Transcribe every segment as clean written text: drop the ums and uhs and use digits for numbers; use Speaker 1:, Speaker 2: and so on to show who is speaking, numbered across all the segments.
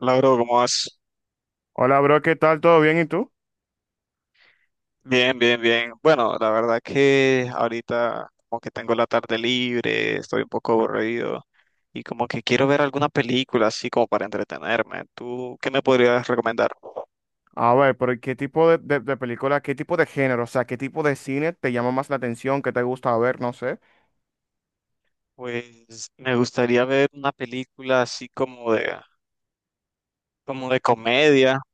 Speaker 1: Lauro, ¿cómo vas?
Speaker 2: Hola, bro, ¿qué tal? ¿Todo bien? ¿Y tú?
Speaker 1: Bien, bien, bien. Bueno, la verdad que ahorita como que tengo la tarde libre, estoy un poco aburrido y como que quiero ver alguna película así como para entretenerme. ¿Tú qué me podrías recomendar?
Speaker 2: A ver, pero ¿qué tipo de película, qué tipo de género, o sea, qué tipo de cine te llama más la atención, qué te gusta ver, no sé?
Speaker 1: Pues me gustaría ver una película así como de comedia.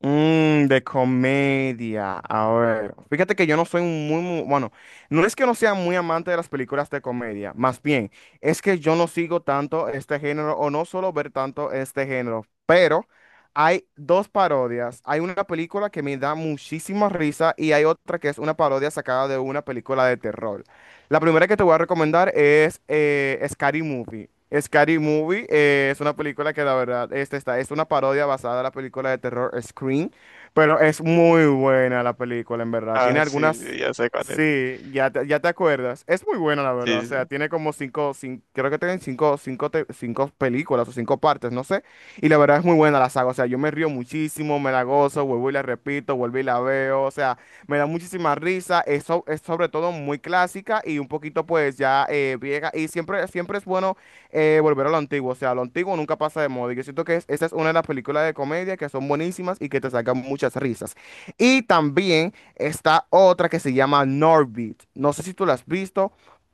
Speaker 2: Mmm, de comedia. A ver, fíjate que yo no soy un muy, muy, bueno, no es que no sea muy amante de las películas de comedia, más bien, es que yo no sigo tanto este género o no suelo ver tanto este género, pero hay dos parodias. Hay una película que me da muchísima risa y hay otra que es una parodia sacada de una película de terror. La primera que te voy a recomendar es Scary Movie. Scary Movie es una película que la verdad este está, es una parodia basada en la película de terror Scream, pero es muy buena la película en verdad. Tiene
Speaker 1: Ah, sí, sí,
Speaker 2: algunas,
Speaker 1: ya sé cuál es.
Speaker 2: sí, ya te acuerdas. Es muy buena la verdad, o
Speaker 1: Sí, sí.
Speaker 2: sea, tiene como cinco, creo que tienen cinco películas o cinco partes, no sé. Y la verdad es muy buena la saga, o sea, yo me río muchísimo, me la gozo, vuelvo y la repito, vuelvo y la veo, o sea. Me da muchísima risa, es sobre todo muy clásica y un poquito pues ya vieja y siempre, siempre es bueno volver a lo antiguo, o sea, lo antiguo nunca pasa de moda y yo siento que esa es una de las películas de comedia que son buenísimas y que te sacan muchas risas. Y también está otra que se llama Norbit, no sé si tú la has visto,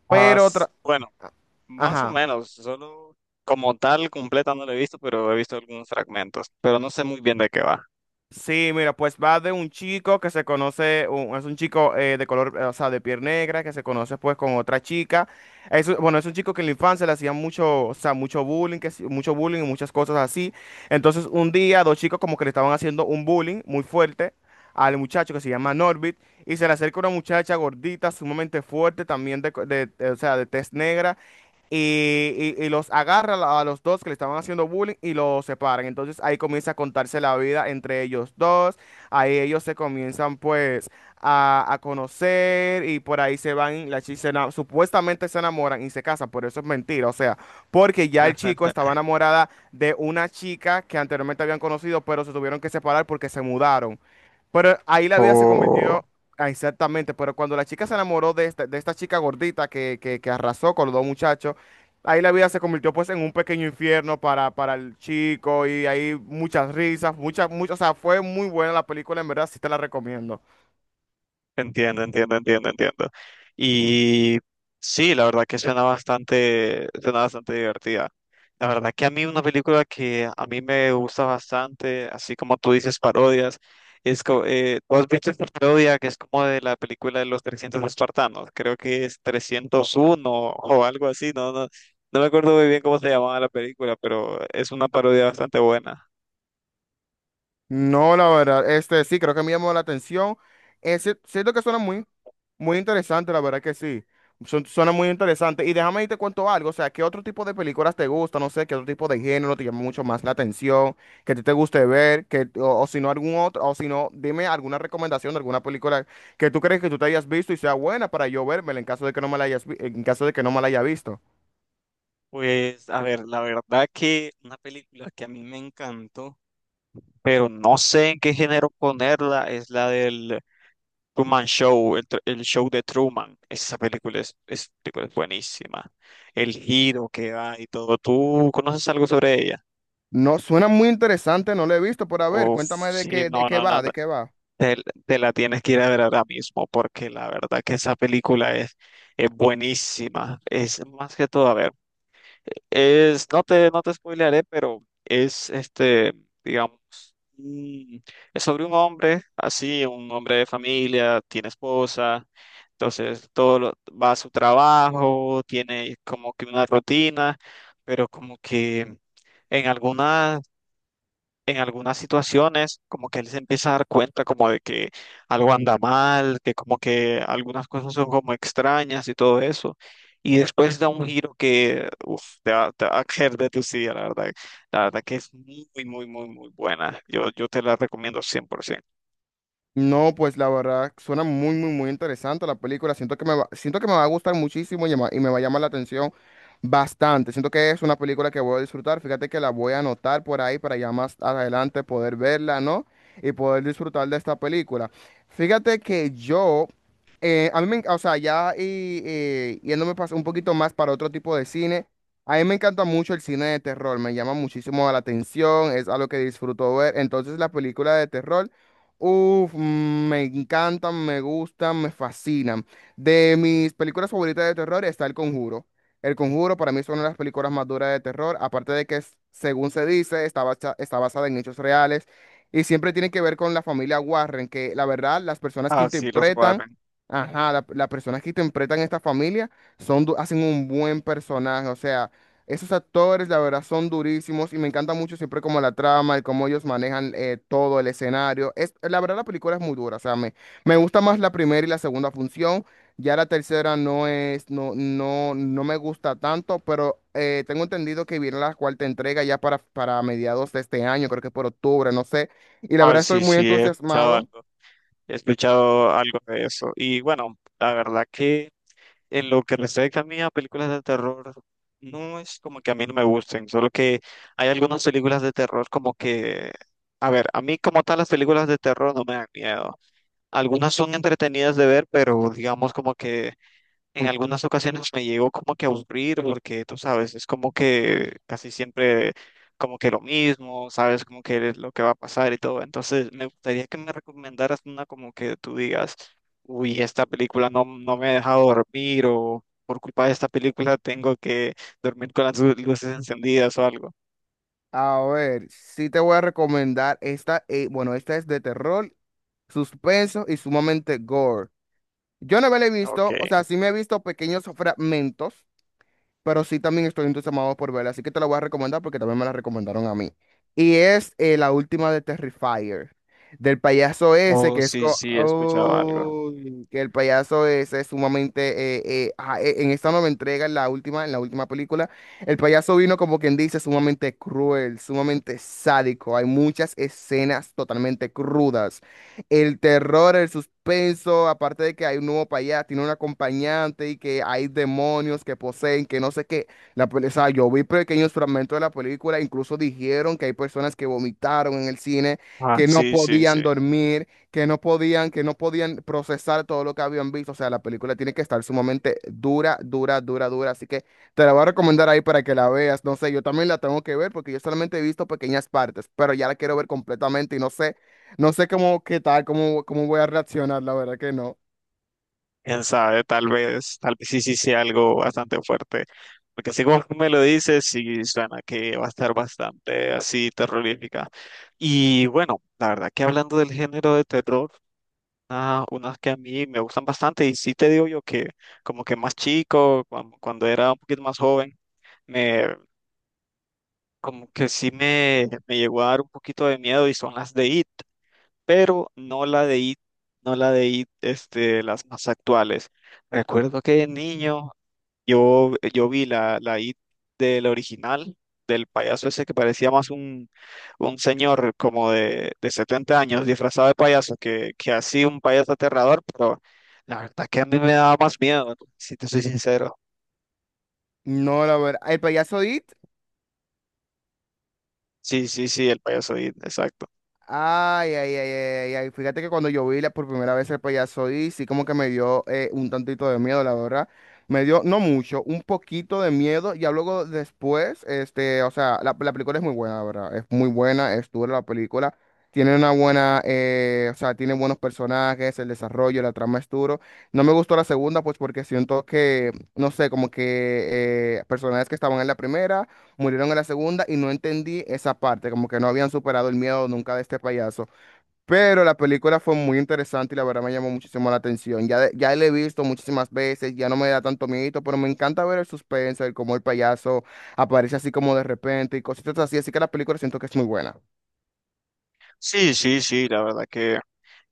Speaker 1: Ah,
Speaker 2: pero
Speaker 1: s- bueno, más o
Speaker 2: Ajá.
Speaker 1: menos, solo como tal completa no la he visto, pero he visto algunos fragmentos, pero no sé muy bien de qué va.
Speaker 2: Sí, mira, pues va de un chico que se conoce, es un chico de color, o sea, de piel negra, que se conoce pues con otra chica. Es, bueno, es un chico que en la infancia le hacían mucho, o sea, mucho bullying, mucho bullying y muchas cosas así. Entonces un día dos chicos como que le estaban haciendo un bullying muy fuerte al muchacho que se llama Norbit y se le acerca una muchacha gordita, sumamente fuerte, también de, co- de- o sea, de tez negra y, y los agarra a los dos que le estaban haciendo bullying y los separan. Entonces ahí comienza a contarse la vida entre ellos dos, ahí ellos se comienzan pues a conocer y por ahí se van, la chica supuestamente se enamoran y se casan, pero eso es mentira, o sea, porque ya el chico estaba enamorada de una chica que anteriormente habían conocido, pero se tuvieron que separar porque se mudaron. Pero ahí la vida se
Speaker 1: Oh,
Speaker 2: convirtió, ah, exactamente, pero cuando la chica se enamoró de esta chica gordita que arrasó con los dos muchachos. Ahí la vida se convirtió pues en un pequeño infierno para el chico y hay muchas risas, muchas, muchas, o sea, fue muy buena la película, en verdad sí te la recomiendo.
Speaker 1: entiendo, entiendo, entiendo, entiendo. Y sí, la verdad que suena bastante divertida. La verdad que a mí una película que a mí me gusta bastante, así como tú dices parodias, es co- ¿tú has visto esta parodia que es como de la película de los 300 espartanos? Creo que es 301 o algo así, no, no, no me acuerdo muy bien cómo se llamaba la película, pero es una parodia bastante buena.
Speaker 2: No, la verdad, este sí, creo que me llamó la atención. Siento que suena muy, muy interesante, la verdad que sí. Suena muy interesante. Y déjame y te cuento algo, o sea, ¿qué otro tipo de películas te gusta? No sé, ¿qué otro tipo de género te llama mucho más la atención? Que a ti te guste ver, o si no algún otro, o si no, dime alguna recomendación de alguna película que tú crees que tú te hayas visto y sea buena para yo vérmela en caso de que no me en caso de que no me la haya visto.
Speaker 1: Pues, a ver, la verdad que una película que a mí me encantó, pero no sé en qué género ponerla, es la del Truman Show, el, tr- el show de Truman. Esa película es película es buenísima. El giro que da y todo. ¿Tú conoces algo sobre ella?
Speaker 2: No, suena muy interesante, no lo he visto, pero a ver,
Speaker 1: Uf,
Speaker 2: cuéntame
Speaker 1: sí,
Speaker 2: de
Speaker 1: no,
Speaker 2: qué
Speaker 1: no, no,
Speaker 2: va, de
Speaker 1: no.
Speaker 2: qué va.
Speaker 1: Te, te la tienes que ir a ver ahora mismo porque la verdad que esa película es buenísima. Es más que todo, a ver, es, no te, no te spoilearé, pero es este, digamos, Mm, es sobre un hombre, así, un hombre de familia, tiene esposa, entonces todo lo- va a su trabajo, tiene como que una rutina, pero como que en algunas en algunas situaciones como que él se empieza a dar cuenta como de que algo anda mal, que como que algunas cosas son como extrañas y todo eso. Y después da un giro que uf, te va a caer de tu silla, la verdad. La verdad que es muy, muy, muy, muy buena. Yo te la recomiendo 100%.
Speaker 2: No, pues la verdad suena muy, muy, muy interesante la película. Siento que siento que me va a gustar muchísimo y, y me va a llamar la atención bastante. Siento que es una película que voy a disfrutar. Fíjate que la voy a anotar por ahí para ya más adelante poder verla, ¿no? Y poder disfrutar de esta película. Fíjate que yo, a mí me, en- o sea, un poquito más para otro tipo de cine. A mí me encanta mucho el cine de terror, me llama muchísimo la atención, es algo que disfruto ver. Entonces la película de terror. Uf, mm, me encantan, me gustan, me fascinan. De mis películas favoritas de terror está El Conjuro. El Conjuro para mí es una de las películas más duras de terror, aparte de que, según se dice, está basada en hechos reales y siempre tiene que ver con la familia Warren, que la verdad, las personas que
Speaker 1: Ah, sí, los
Speaker 2: interpretan,
Speaker 1: Warren.
Speaker 2: ajá, las personas que interpretan esta familia hacen un buen personaje, o sea. Esos actores, la verdad, son durísimos y me encanta mucho siempre como la trama, el cómo ellos manejan todo el escenario. Es, la verdad, la película es muy dura, o sea, me gusta más la primera y la segunda función. Ya la tercera no, no, no me gusta tanto, pero tengo entendido que viene la cuarta entrega ya para mediados de este año, creo que por octubre, no sé. Y la
Speaker 1: Ah,
Speaker 2: verdad estoy
Speaker 1: sí,
Speaker 2: muy
Speaker 1: sí, he escuchado
Speaker 2: entusiasmado.
Speaker 1: algo. He escuchado algo de eso. Y bueno, la verdad que... En lo que respecta a mí a películas de terror, no es como que a mí no me gusten, solo que hay algunas películas de terror como que, a ver, a mí como tal las películas de terror no me dan miedo. Algunas son entretenidas de ver, pero digamos como que en algunas ocasiones me llegó como que a aburrir porque tú sabes, es como que casi siempre como que lo mismo, sabes como que es lo que va a pasar y todo. Entonces me gustaría que me recomendaras una como que tú digas, uy, esta película no, no me ha dejado dormir o por culpa de esta película tengo que dormir con las lu- luces encendidas o algo.
Speaker 2: A ver, sí te voy a recomendar esta, bueno, esta es de terror, suspenso y sumamente gore. Yo no me la he
Speaker 1: Ok.
Speaker 2: visto, o sea, sí me he visto pequeños fragmentos, pero sí también estoy entusiasmado por verla, así que te la voy a recomendar porque también me la recomendaron a mí. Y es la última de Terrifier, del payaso ese
Speaker 1: Oh, sí, sí, he escuchado algo.
Speaker 2: Uy, que el payaso ese es sumamente, en esta nueva entrega, en la última película, el payaso vino como quien dice sumamente cruel, sumamente sádico, hay muchas escenas totalmente crudas. El terror, el suspenso, aparte de que hay un nuevo payaso, tiene un acompañante y que hay demonios que poseen, que no sé qué. O sea, yo vi pequeños fragmentos de la película, incluso dijeron que hay personas que vomitaron en el cine,
Speaker 1: Ah,
Speaker 2: que no
Speaker 1: sí, sí,
Speaker 2: podían
Speaker 1: sí.
Speaker 2: dormir, que no podían procesar todo lo que habían visto. O sea, la película tiene que estar sumamente dura, dura, dura, dura. Así que te la voy a recomendar ahí para que la veas. No sé, yo también la tengo que ver porque yo solamente he visto pequeñas partes, pero ya la quiero ver completamente y no sé. No sé cómo, qué tal, cómo voy a reaccionar, la verdad que no.
Speaker 1: Quién sabe, tal vez sí, sí sea algo bastante fuerte. Porque así como tú me lo dices, sí suena que va a estar bastante así terrorífica. Y bueno, la verdad que hablando del género de terror, ah, unas que a mí me gustan bastante, y sí te digo yo que como que más chico, cuan- cuando era un poquito más joven, me como que sí me llegó a dar un poquito de miedo y son las de It, pero no la de It, no la de It, este, las más actuales. Recuerdo que de niño yo vi la IT del original, del payaso ese que parecía más un señor como de 70 años disfrazado de payaso que así un payaso aterrador, pero la verdad que a mí me daba más miedo, si te soy sincero.
Speaker 2: No, la verdad. El payaso It.
Speaker 1: Sí, sí, sí, el payaso IT, exacto.
Speaker 2: Ay, ay, ay, ay, ay. Fíjate que cuando yo vi por primera vez el payaso y sí como que me dio un tantito de miedo, la verdad. Me dio, no mucho, un poquito de miedo. Ya luego después, este, o sea, la película es muy buena, la verdad. Es muy buena, es dura la película. Tiene una buena, o sea, tiene buenos personajes, el desarrollo, la trama es duro. No me gustó la segunda, pues porque siento que, no sé, como que personajes que estaban en la primera murieron en la segunda y no entendí esa parte, como que no habían superado el miedo nunca de este payaso. Pero la película fue muy interesante y la verdad me llamó muchísimo la atención. Ya la he visto muchísimas veces, ya no me da tanto miedo, pero me encanta ver el suspenso, el cómo el payaso aparece así como de repente y cositas así. Así que la película siento que es muy buena.
Speaker 1: Sí, sí, sí, la verdad que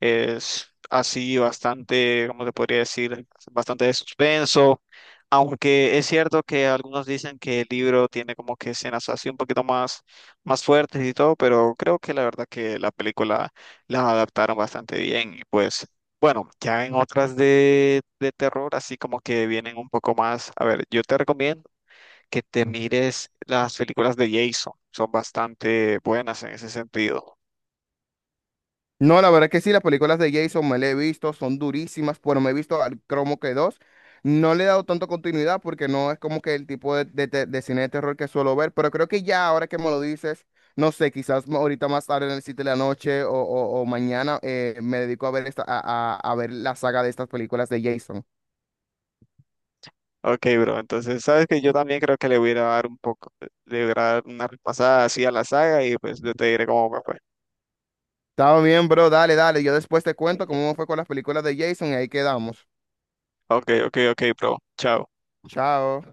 Speaker 1: es así bastante, ¿cómo te podría decir? Bastante de suspenso, aunque es cierto que algunos dicen que el libro tiene como que escenas así un poquito más, más fuertes y todo, pero creo que la verdad que la película la adaptaron bastante bien y pues bueno, ya en otras de terror, así como que vienen un poco más, a ver, yo te recomiendo que te mires las películas de Jason, son bastante buenas en ese sentido.
Speaker 2: No, la verdad que sí, las películas de Jason me las he visto, son durísimas, pero me he visto al cromo que dos. No le he dado tanto continuidad porque no es como que el tipo de cine de terror que suelo ver, pero creo que ya ahora que me lo dices, no sé, quizás ahorita más tarde en el sitio de la noche o, o mañana me dedico a ver, a ver la saga de estas películas de Jason.
Speaker 1: Ok, bro. Entonces, sabes que yo también creo que le voy a ir a dar un poco, le voy a dar una repasada así a la saga y pues yo te diré cómo me fue.
Speaker 2: Está bien, bro, dale, dale, yo después te cuento cómo me fue con las películas de Jason y ahí quedamos.
Speaker 1: Ok, ok, ok, bro. Chao.
Speaker 2: Chao.